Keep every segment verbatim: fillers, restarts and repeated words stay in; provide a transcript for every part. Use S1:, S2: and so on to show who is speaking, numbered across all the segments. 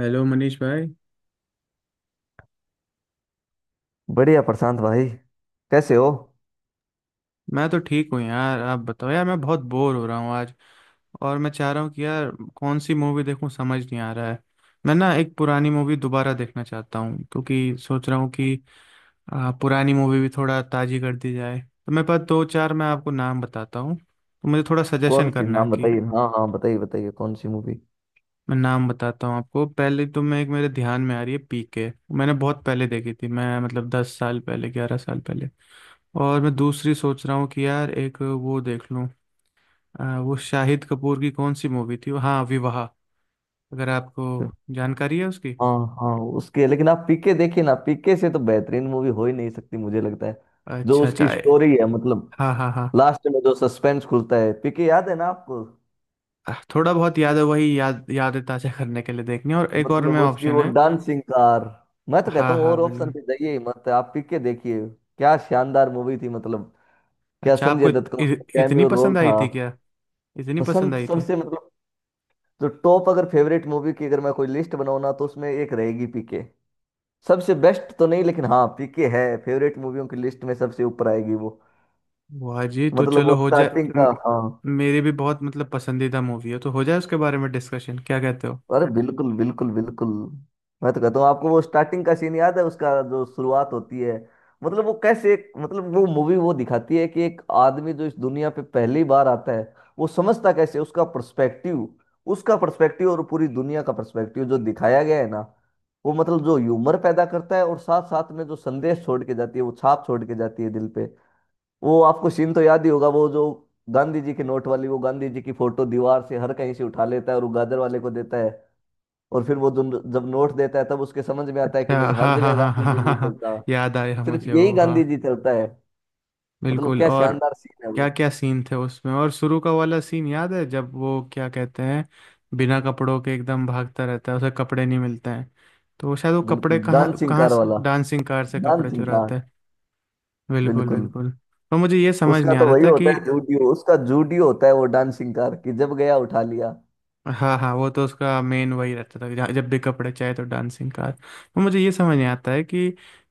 S1: Hello Manish भाई।
S2: बढ़िया प्रशांत भाई। कैसे हो।
S1: मैं तो ठीक हूँ यार, आप बताओ। यार, मैं बहुत बोर हो रहा हूँ आज, और मैं चाह रहा हूँ कि यार कौन सी मूवी देखूँ, समझ नहीं आ रहा है। मैं ना एक पुरानी मूवी दोबारा देखना चाहता हूँ, क्योंकि सोच रहा हूँ कि आ, पुरानी मूवी भी थोड़ा ताजी कर दी जाए। तो मेरे पास दो चार, मैं आपको नाम बताता हूँ, तो मुझे थोड़ा
S2: कौन
S1: सजेशन
S2: सी
S1: करना है
S2: नाम
S1: कि
S2: बताइए। हाँ हाँ हाँ, बताइए बताइए, कौन सी मूवी।
S1: मैं नाम बताता हूँ आपको। पहले तो मैं एक, मेरे ध्यान में आ रही है, पीके। मैंने बहुत पहले देखी थी, मैं मतलब दस साल पहले, ग्यारह साल पहले। और मैं दूसरी सोच रहा हूँ कि यार एक वो देख लूँ, आ, वो शाहिद कपूर की कौन सी मूवी थी वो? हाँ, विवाह। अगर आपको जानकारी है उसकी।
S2: हाँ हाँ उसके, लेकिन आप पीके देखिए ना, पीके से तो बेहतरीन मूवी हो ही नहीं सकती, मुझे लगता है। जो
S1: अच्छा अच्छा
S2: उसकी
S1: ए-
S2: स्टोरी है मतलब,
S1: हाँ हाँ हाँ।
S2: लास्ट में जो सस्पेंस खुलता है, पीके याद है ना आपको।
S1: आह, थोड़ा बहुत याद है, वही याद यादें ताज़ा करने के लिए देखनी है। और एक और में
S2: मतलब उसकी
S1: ऑप्शन
S2: वो
S1: है।
S2: Dancing car. मैं तो कहता
S1: हाँ
S2: हूँ
S1: हाँ,
S2: और ऑप्शन
S1: बिल्कुल।
S2: पे जाइए ही मत, आप पीके देखिए। क्या शानदार मूवी थी मतलब। क्या
S1: अच्छा, आपको
S2: संजय
S1: इत,
S2: दत्त का
S1: इ,
S2: उसमें
S1: इतनी
S2: कैमियो रोल
S1: पसंद आई
S2: था।
S1: थी क्या? इतनी पसंद
S2: पसंद
S1: आई थी?
S2: सबसे मतलब, तो टॉप अगर फेवरेट मूवी की अगर मैं कोई लिस्ट बनाऊँ ना, तो उसमें एक रहेगी पीके। सबसे बेस्ट तो नहीं, लेकिन हाँ पीके है फेवरेट मूवियों की लिस्ट में, सबसे ऊपर आएगी वो।
S1: वाह जी, तो
S2: मतलब वो
S1: चलो
S2: बिल्कुल
S1: हो जाए
S2: स्टार्टिंग का,
S1: म-
S2: हाँ।
S1: मेरी भी बहुत मतलब पसंदीदा मूवी है, तो हो जाए उसके बारे में डिस्कशन, क्या कहते हो?
S2: अरे बिल्कुल बिल्कुल बिल्कुल। मैं तो कहता हूँ आपको, वो स्टार्टिंग का सीन याद है उसका, जो शुरुआत होती है। मतलब वो कैसे मतलब, वो मूवी वो दिखाती है कि एक आदमी जो इस दुनिया पे पहली बार आता है, वो समझता कैसे उसका पर्सपेक्टिव, उसका पर्सपेक्टिव और पूरी दुनिया का पर्सपेक्टिव जो दिखाया गया है ना, वो मतलब जो ह्यूमर पैदा करता है, और साथ साथ में जो संदेश छोड़ के जाती है, वो छाप छोड़ के जाती है दिल पे। वो आपको सीन तो याद ही होगा, वो जो गांधी जी के नोट वाली, वो गांधी जी की फोटो दीवार से हर कहीं से उठा लेता है और वो गाजर वाले को देता है, और फिर वो जो- जब नोट देता है, तब उसके समझ में आता है
S1: अच्छा,
S2: कि नहीं, हर
S1: हाँ हाँ
S2: जगह
S1: हाँ हाँ
S2: गांधी
S1: हाँ
S2: जी
S1: हाँ
S2: नहीं
S1: हाँ,
S2: चलता,
S1: याद आया
S2: सिर्फ
S1: मुझे
S2: यही
S1: वो। हाँ,
S2: गांधी जी चलता है। मतलब
S1: बिल्कुल।
S2: क्या
S1: और
S2: शानदार सीन है वो।
S1: क्या क्या सीन थे उसमें, और शुरू का वाला सीन याद है जब वो क्या कहते हैं, बिना कपड़ों के एकदम भागता रहता है, उसे कपड़े नहीं मिलते हैं, तो वो शायद वो कपड़े
S2: बिल्कुल
S1: कहाँ
S2: डांसिंग
S1: कहाँ,
S2: कार वाला।
S1: डांसिंग कार से कपड़े
S2: डांसिंग कार।
S1: चुराता है। बिल्कुल
S2: बिल्कुल।
S1: बिल्कुल। तो मुझे ये समझ
S2: उसका
S1: नहीं आ
S2: तो
S1: रहा
S2: वही
S1: था कि,
S2: होता है, जूडियो उसका जूडियो होता है वो डांसिंग कार, कि जब गया उठा लिया।
S1: हाँ हाँ, वो तो उसका मेन वही रहता था कि जहाँ- जब भी कपड़े चाहिए तो डांसिंग कार। तो मुझे ये समझ नहीं आता है कि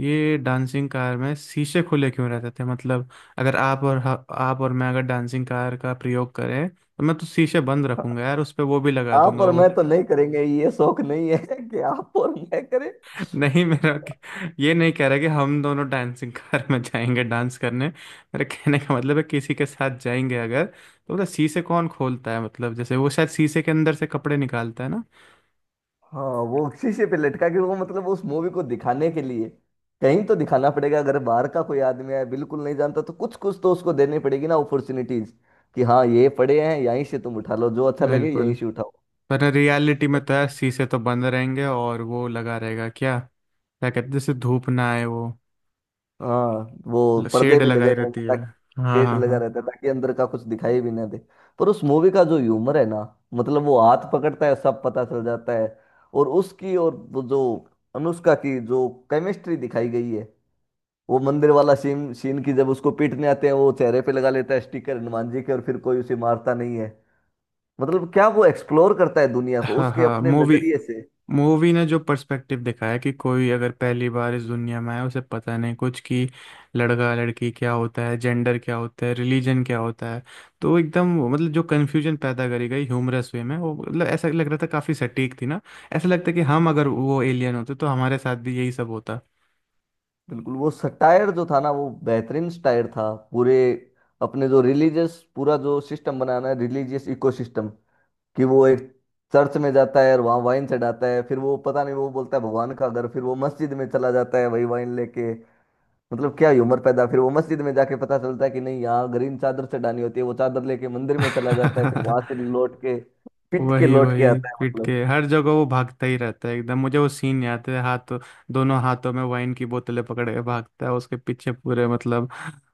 S1: ये डांसिंग कार में शीशे खुले क्यों रहते थे मतलब, अगर आप और ह- आप और मैं अगर डांसिंग कार का प्रयोग करें तो मैं तो शीशे बंद रखूंगा यार, उस पे वो भी लगा
S2: आप
S1: दूंगा
S2: और मैं
S1: वो।
S2: तो नहीं करेंगे, ये शौक नहीं है कि आप और मैं करें।
S1: नहीं, मेरा ये नहीं कह रहा कि हम दोनों डांसिंग कार में जाएंगे डांस करने, मेरे कहने का मतलब है किसी के साथ जाएंगे अगर, तो मतलब शीशे कौन खोलता है, मतलब जैसे वो शायद शीशे के अंदर से कपड़े निकालता है ना।
S2: हाँ, वो शीशे पे लटका के वो मतलब उस मूवी को दिखाने के लिए, कहीं तो दिखाना पड़ेगा। अगर बाहर का कोई आदमी है, बिल्कुल नहीं जानता, तो कुछ कुछ तो उसको देनी पड़ेगी ना अपॉर्चुनिटीज, कि हाँ ये पड़े हैं, यहीं से तुम उठा लो, जो अच्छा लगे यहीं
S1: बिल्कुल।
S2: से उठाओ।
S1: पर रियलिटी में तो यार शीशे तो बंद रहेंगे, और वो लगा रहेगा क्या क्या कहते हैं जैसे धूप ना आए, वो
S2: हाँ वो पर्दे
S1: शेड
S2: भी लगे
S1: लगाई रहती
S2: रहेंगे
S1: है।
S2: ताकि,
S1: हाँ
S2: शेड
S1: हाँ
S2: लगा
S1: हाँ
S2: रहता है ताकि अंदर का कुछ दिखाई भी ना दे। पर उस मूवी का जो ह्यूमर है ना, मतलब वो हाथ पकड़ता है, सब पता चल जाता है। और उसकी और वो जो अनुष्का की जो केमिस्ट्री दिखाई गई है, वो मंदिर वाला सीन, सीन की जब उसको पीटने आते हैं, वो चेहरे पे लगा लेता है स्टिकर हनुमान जी के, और फिर कोई उसे मारता नहीं है। मतलब क्या वो एक्सप्लोर करता है दुनिया को
S1: हाँ
S2: उसके
S1: हाँ।
S2: अपने
S1: मूवी
S2: नजरिए से।
S1: मूवी ने जो पर्सपेक्टिव दिखाया कि कोई अगर पहली बार इस दुनिया में आया, उसे पता नहीं कुछ कि लड़का लड़की क्या होता है, जेंडर क्या होता है, रिलीजन क्या होता है, तो एकदम मतलब जो कन्फ्यूजन पैदा करी गई ह्यूमरस वे में, वो मतलब ऐसा लग रहा था काफ़ी सटीक थी ना। ऐसा लगता है कि हम अगर वो एलियन होते तो हमारे साथ भी यही सब होता।
S2: बिल्कुल, वो सटायर जो था ना, वो बेहतरीन सटायर था पूरे अपने जो रिलीजियस पूरा जो सिस्टम बनाना है, रिलीजियस इकोसिस्टम। कि वो एक चर्च में जाता है और वहाँ वाइन चढ़ाता है, फिर वो पता नहीं वो बोलता है भगवान का घर, फिर वो मस्जिद में चला जाता है वही वाइन लेके। मतलब क्या ही उम्र पैदा, फिर वो मस्जिद में जाके पता चलता है कि नहीं, यहाँ ग्रीन चादर चढ़ानी होती है, वो चादर लेके मंदिर में चला जाता है, फिर वहां से लौट के पिट के
S1: वही
S2: लौट के
S1: वही
S2: आता है,
S1: पीट
S2: मतलब।
S1: के हर जगह वो भागता ही रहता है, एकदम मुझे वो सीन याद है, हाथ दोनों हाथों में वाइन की बोतलें पकड़ के भागता है, उसके पीछे पूरे मतलब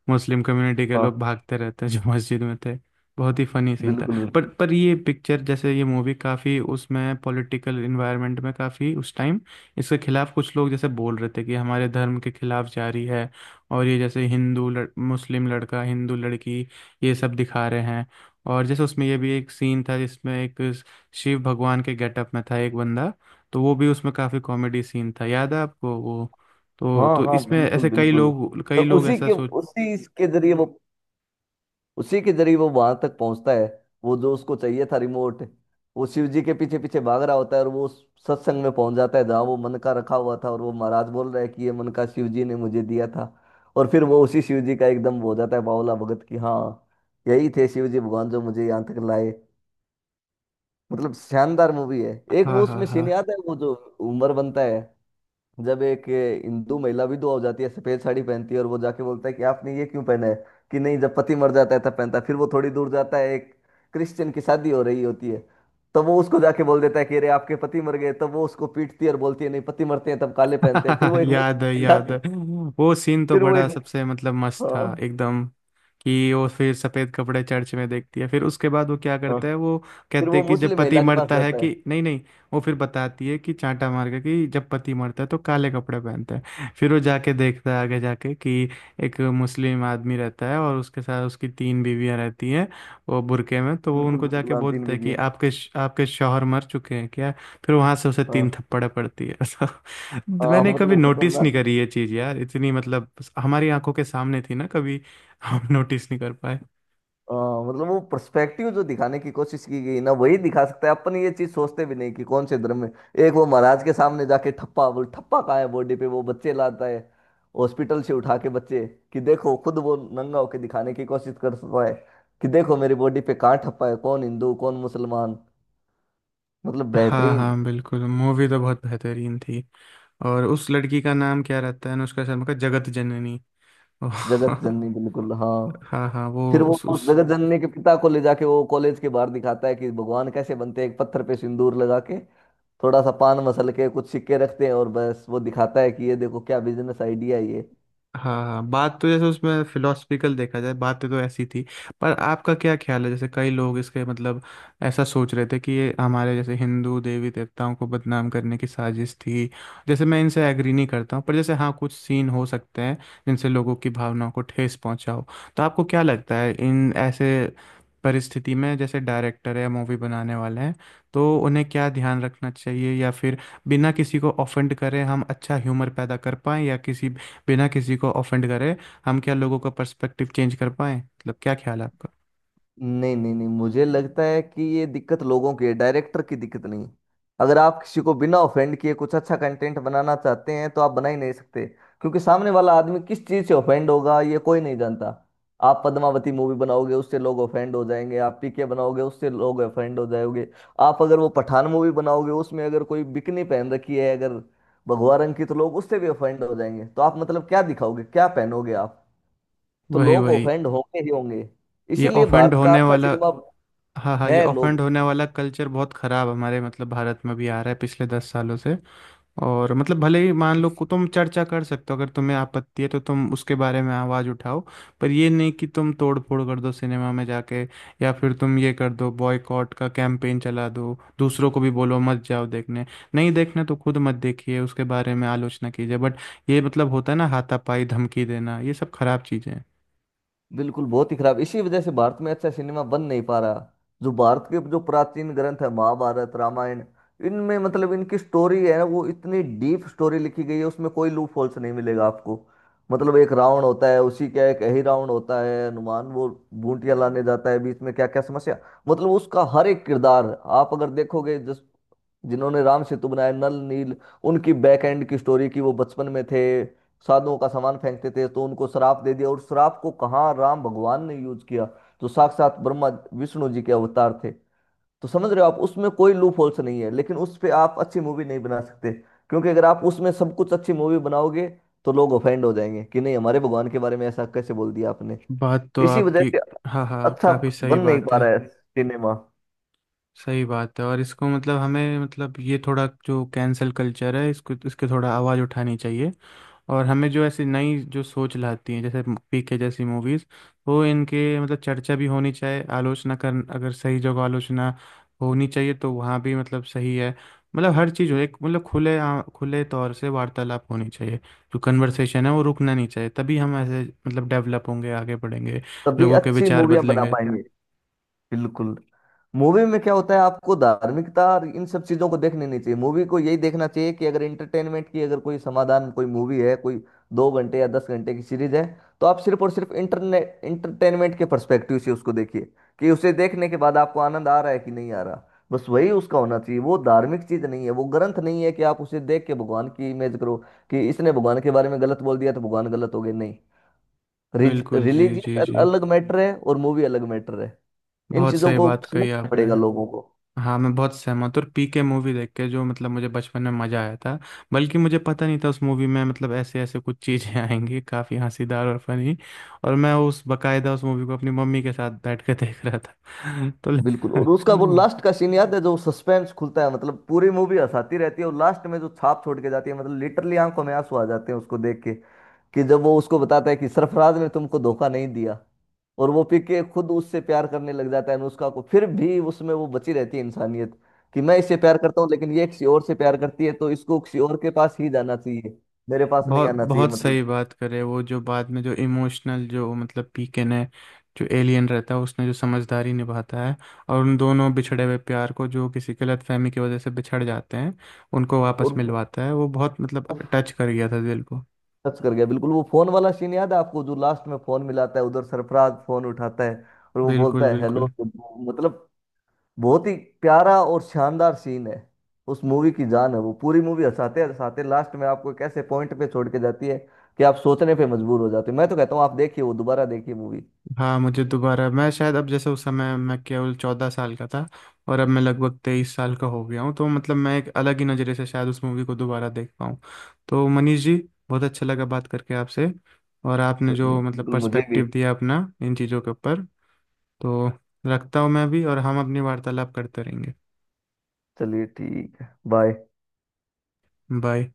S1: मुस्लिम कम्युनिटी के लोग
S2: हाँ
S1: भागते रहते हैं जो मस्जिद में थे। बहुत ही फनी सीन था।
S2: बिल्कुल बिल्कुल।
S1: पर पर ये पिक्चर जैसे ये मूवी काफ़ी उसमें पॉलिटिकल इन्वायरमेंट में काफ़ी उस टाइम इसके खिलाफ कुछ लोग जैसे बोल रहे थे कि हमारे धर्म के खिलाफ जारी है, और ये जैसे हिंदू लड़, मुस्लिम लड़का हिंदू लड़की ये सब दिखा रहे हैं। और जैसे उसमें ये भी एक सीन था जिसमें एक शिव भगवान के गेटअप में था एक बंदा, तो वो भी उसमें काफी कॉमेडी सीन था, याद है आपको वो? तो
S2: हाँ
S1: तो
S2: हाँ
S1: इसमें
S2: बिल्कुल
S1: ऐसे कई
S2: बिल्कुल।
S1: लोग
S2: तो
S1: कई लोग
S2: उसी
S1: ऐसा
S2: के,
S1: सोच,
S2: उसी के जरिए वो, उसी के जरिए वो वहां तक पहुंचता है। वो जो उसको चाहिए था रिमोट, वो शिव जी के पीछे पीछे भाग रहा होता है, और वो उस सत्संग में पहुंच जाता है, जहाँ वो मन का रखा हुआ था, और वो महाराज बोल रहा है कि ये मन का शिव जी ने मुझे दिया था। और फिर वो उसी शिव जी का एकदम हो जाता है बावला भगत की, हाँ, यही थे शिव जी भगवान जो मुझे यहाँ तक लाए। मतलब शानदार मूवी है। एक
S1: हाँ
S2: वो
S1: हाँ
S2: उसमें
S1: हाँ।
S2: सीन याद है वो जो उमर बनता है, जब एक ये हिंदू महिला विधवा हो जाती है, सफेद साड़ी पहनती है और वो जाके बोलता है कि आपने ये क्यों पहना है, कि नहीं जब पति मर जाता है तब पहनता है। फिर वो थोड़ी दूर जाता है, एक क्रिश्चियन की शादी हो रही होती है, तो वो उसको जाके बोल देता है कि अरे आपके पति मर गए, तब वो उसको पीटती है और बोलती है नहीं, पति मरते हैं तब काले पहनते हैं। फिर वो एक
S1: याद है
S2: मुस्लिम
S1: याद है,
S2: महिला,
S1: वो सीन तो
S2: फिर वो
S1: बड़ा
S2: एक
S1: सबसे मतलब मस्त था
S2: हाँ
S1: एकदम। कि वो फिर सफेद कपड़े चर्च में देखती है, फिर उसके बाद वो क्या
S2: हाँ,
S1: करता है वो,
S2: फिर
S1: कहते
S2: वो
S1: हैं कि जब
S2: मुस्लिम
S1: पति
S2: महिला के पास
S1: मरता है
S2: जाता है।
S1: कि नहीं नहीं, वो फिर बताती है कि चांटा मार के कि जब पति मरता है तो काले कपड़े पहनता है। फिर वो जाके देखता है आगे जाके कि एक मुस्लिम आदमी रहता है और उसके साथ उसकी तीन बीवियां रहती हैं वो बुरके में, तो वो
S2: बिल्कुल
S1: उनको
S2: बिल्कुल,
S1: जाके
S2: हाँ तीन
S1: बोलते हैं कि
S2: बीवियां।
S1: आपके आपके शौहर मर चुके हैं क्या? फिर वहां से उसे तीन
S2: हाँ
S1: थप्पड़े पड़ती है।
S2: हाँ,
S1: मैंने कभी
S2: मतलब
S1: नोटिस नहीं
S2: खतरनाक।
S1: करी ये चीज यार, इतनी मतलब हमारी आंखों के सामने थी ना, कभी हम नोटिस नहीं कर पाए।
S2: अ, मतलब वो पर्सपेक्टिव जो दिखाने की कोशिश की गई ना, वही दिखा सकता है। अपन ये चीज सोचते भी नहीं कि कौन से धर्म में, एक वो महाराज के सामने जाके ठप्पा बोल ठप्पा कहाँ है बॉडी पे, वो बच्चे लाता है हॉस्पिटल से उठा के बच्चे, कि देखो, खुद वो नंगा होके दिखाने की कोशिश करता है कि देखो मेरी बॉडी पे कहाँ ठप्पा है, कौन हिंदू कौन मुसलमान। मतलब
S1: हाँ
S2: बेहतरीन।
S1: हाँ, बिल्कुल मूवी तो बहुत बेहतरीन थी। और उस लड़की का नाम क्या रहता है अनुष्का शर्मा का, जगत जननी। ओह,
S2: जगत जननी, बिल्कुल हाँ।
S1: हाँ हाँ
S2: फिर
S1: वो
S2: वो
S1: उस
S2: उस
S1: उस,
S2: जगत जननी के पिता को ले जाके वो कॉलेज के बाहर दिखाता है कि भगवान कैसे बनते हैं, एक पत्थर पे सिंदूर लगा के, थोड़ा सा पान मसल के, कुछ सिक्के रखते हैं, और बस वो दिखाता है कि ये देखो क्या बिजनेस आइडिया है ये।
S1: हाँ हाँ। बात तो जैसे उसमें फिलोसफिकल देखा जाए बातें तो ऐसी थी, पर आपका क्या ख्याल है, जैसे कई लोग इसके मतलब ऐसा सोच रहे थे कि ये हमारे जैसे हिंदू देवी देवताओं को बदनाम करने की साजिश थी। जैसे मैं इनसे एग्री नहीं करता हूँ, पर जैसे हाँ कुछ सीन हो सकते हैं जिनसे लोगों की भावनाओं को ठेस पहुंचा हो। तो आपको क्या लगता है इन ऐसे परिस्थिति में जैसे डायरेक्टर है या मूवी बनाने वाले हैं तो उन्हें क्या ध्यान रखना चाहिए, या फिर बिना किसी को ऑफेंड करे हम अच्छा ह्यूमर पैदा कर पाएं, या किसी बिना किसी को ऑफेंड करे हम क्या लोगों का पर्सपेक्टिव चेंज कर पाए, मतलब क्या ख्याल है आपका?
S2: नहीं नहीं नहीं मुझे लगता है कि ये दिक्कत लोगों की है, डायरेक्टर की दिक्कत नहीं। अगर आप किसी को बिना ऑफेंड किए कुछ अच्छा कंटेंट बनाना चाहते हैं, तो आप बना ही नहीं सकते। क्योंकि सामने वाला आदमी किस चीज़ से ऑफेंड होगा, ये कोई नहीं जानता। आप पद्मावती मूवी बनाओगे उससे लोग ऑफेंड हो जाएंगे, आप पीके बनाओगे उससे लोग ऑफेंड हो जाओगे, आप अगर वो पठान मूवी बनाओगे उसमें अगर कोई बिकनी पहन रखी है अगर भगवा रंग की तो लोग उससे भी ऑफेंड हो जाएंगे। तो आप मतलब क्या दिखाओगे, क्या पहनोगे आप। तो
S1: वही
S2: लोग
S1: वही
S2: ऑफेंड होंगे ही होंगे।
S1: ये
S2: इसीलिए
S1: ऑफेंड
S2: भारत का
S1: होने
S2: अच्छा
S1: वाला,
S2: सिनेमा
S1: हाँ हाँ, ये
S2: है,
S1: ऑफेंड
S2: लोग,
S1: होने वाला कल्चर बहुत खराब हमारे मतलब भारत में भी आ रहा है पिछले दस सालों से। और मतलब भले ही मान लो को तुम चर्चा कर सकते हो, अगर तुम्हें आपत्ति है तो तुम उसके बारे में आवाज़ उठाओ, पर ये नहीं कि तुम तोड़ फोड़ कर दो सिनेमा में जाके, या फिर तुम ये कर दो बॉयकॉट का कैंपेन चला दो, दूसरों को भी बोलो मत जाओ देखने। नहीं देखना तो खुद मत देखिए, उसके बारे में आलोचना कीजिए, बट ये मतलब होता है ना हाथापाई धमकी देना, ये सब खराब चीज़ें हैं।
S2: बिल्कुल बहुत ही खराब। इसी वजह से भारत में अच्छा सिनेमा बन नहीं पा रहा। जो भारत के जो प्राचीन ग्रंथ है महाभारत रामायण, इनमें मतलब इनकी स्टोरी है ना, वो इतनी डीप स्टोरी लिखी गई है, उसमें कोई लूप होल्स नहीं मिलेगा आपको। मतलब एक रावण होता है, उसी का एक ही रावण होता है, हनुमान वो बूटियां लाने जाता है, बीच में क्या क्या समस्या, मतलब उसका हर एक किरदार। आप अगर देखोगे, जिस जिन्होंने राम सेतु बनाया, नल नील, उनकी बैक एंड की स्टोरी की वो बचपन में थे, साधुओं का सामान फेंकते थे तो उनको श्राप दे दिया, और श्राप को कहाँ राम भगवान ने यूज किया। तो साक्षात ब्रह्मा विष्णु जी के अवतार थे। तो समझ रहे हो आप, उसमें कोई लूप होल्स नहीं है, लेकिन उस पे आप अच्छी मूवी नहीं बना सकते। क्योंकि अगर आप उसमें सब कुछ अच्छी मूवी बनाओगे, तो लोग ऑफेंड हो जाएंगे कि नहीं, हमारे भगवान के बारे में ऐसा कैसे बोल दिया आपने।
S1: बात तो
S2: इसी वजह
S1: आपकी,
S2: से
S1: हाँ हाँ
S2: अच्छा
S1: काफ़ी सही
S2: बन नहीं
S1: बात
S2: पा
S1: है।
S2: रहा है सिनेमा।
S1: सही बात है, और इसको मतलब हमें मतलब ये थोड़ा जो कैंसल कल्चर है इसको इसके थोड़ा आवाज़ उठानी चाहिए। और हमें जो ऐसी नई जो सोच लाती हैं जैसे पीके जैसी मूवीज, वो इनके मतलब चर्चा भी होनी चाहिए, आलोचना कर अगर सही जगह आलोचना होनी चाहिए तो वहाँ भी मतलब सही है। मतलब हर चीज़ हो एक मतलब खुले आ, खुले तौर से वार्तालाप होनी चाहिए, जो कन्वर्सेशन है वो रुकना नहीं चाहिए, तभी हम ऐसे मतलब डेवलप होंगे, आगे बढ़ेंगे,
S2: तभी
S1: लोगों के
S2: अच्छी
S1: विचार
S2: मूवियां बना
S1: बदलेंगे।
S2: पाएंगे। बिल्कुल। मूवी में क्या होता है, आपको धार्मिकता और इन सब चीजों को देखने नहीं चाहिए। मूवी को यही देखना चाहिए कि अगर एंटरटेनमेंट की अगर कोई समाधान कोई मूवी है, कोई दो घंटे या दस घंटे की सीरीज है, तो आप सिर्फ और सिर्फ इंटरनेट इंटरटेनमेंट के पर्सपेक्टिव से उसको देखिए, कि उसे देखने के बाद आपको आनंद आ रहा है कि नहीं आ रहा। बस वही उसका होना चाहिए। वो धार्मिक चीज नहीं है, वो ग्रंथ नहीं है कि आप उसे देख के भगवान की इमेज करो, कि इसने भगवान के बारे में गलत बोल दिया तो भगवान गलत हो गए, नहीं।
S1: बिल्कुल जी जी
S2: रिलीजियस
S1: जी,
S2: अलग मैटर है और मूवी अलग मैटर है। इन
S1: बहुत
S2: चीजों
S1: सही
S2: को
S1: बात कही
S2: समझना
S1: आपने।
S2: पड़ेगा लोगों को।
S1: हाँ मैं बहुत सहमत हूँ। और पीके मूवी देख के जो मतलब मुझे बचपन में मज़ा आया था, बल्कि मुझे पता नहीं था उस मूवी में मतलब ऐसे ऐसे कुछ चीज़ें आएंगी काफ़ी हंसीदार और फनी, और मैं उस बकायदा उस मूवी को अपनी मम्मी के साथ बैठ के देख रहा था।
S2: बिल्कुल। और उसका वो
S1: तो
S2: लास्ट का सीन याद है, जो सस्पेंस खुलता है, मतलब पूरी मूवी हंसाती रहती है और लास्ट में जो छाप छोड़ के जाती है, मतलब लिटरली आंखों में आंसू आ जाते हैं उसको देख के। कि जब वो उसको बताता है कि सरफराज ने तुमको धोखा नहीं दिया, और वो पीके खुद उससे प्यार करने लग जाता है अनुष्का को, फिर भी उसमें वो बची रहती है इंसानियत, कि मैं इससे प्यार करता हूँ, लेकिन ये किसी और से प्यार करती है, तो इसको किसी और के पास ही जाना चाहिए, मेरे पास नहीं
S1: बहुत
S2: आना चाहिए,
S1: बहुत
S2: मतलब।
S1: सही बात करे वो, जो बाद में जो इमोशनल जो मतलब पीकन है, जो एलियन रहता है उसने जो समझदारी निभाता है, और उन दोनों बिछड़े हुए प्यार को जो किसी गलतफहमी की वजह से बिछड़ जाते हैं उनको वापस
S2: और
S1: मिलवाता है, वो बहुत मतलब टच कर गया था दिल को।
S2: टच कर गया बिल्कुल। वो फोन वाला सीन याद है आपको, जो लास्ट में फोन मिलाता है, उधर सरफराज फोन उठाता है, और वो बोलता
S1: बिल्कुल
S2: है
S1: बिल्कुल।
S2: हेलो, मतलब बहुत ही प्यारा और शानदार सीन है। उस मूवी की जान है वो, पूरी मूवी हंसाते हंसाते लास्ट में आपको एक ऐसे पॉइंट पे छोड़ के जाती है कि आप सोचने पे मजबूर हो जाते हो। मैं तो कहता हूँ आप देखिए, वो दोबारा देखिए मूवी।
S1: हाँ मुझे दोबारा, मैं शायद अब जैसे उस समय मैं केवल चौदह साल का था और अब मैं लगभग तेईस साल का हो गया हूँ, तो मतलब मैं एक अलग ही नज़रिए से शायद उस मूवी को दोबारा देख पाऊँ। तो मनीष जी, बहुत अच्छा लगा बात करके आपसे, और आपने
S2: चलिए
S1: जो मतलब
S2: बिल्कुल, मुझे भी।
S1: पर्सपेक्टिव दिया अपना इन चीज़ों के ऊपर। तो रखता हूँ मैं भी, और हम अपनी वार्तालाप करते रहेंगे।
S2: चलिए ठीक है, बाय।
S1: बाय।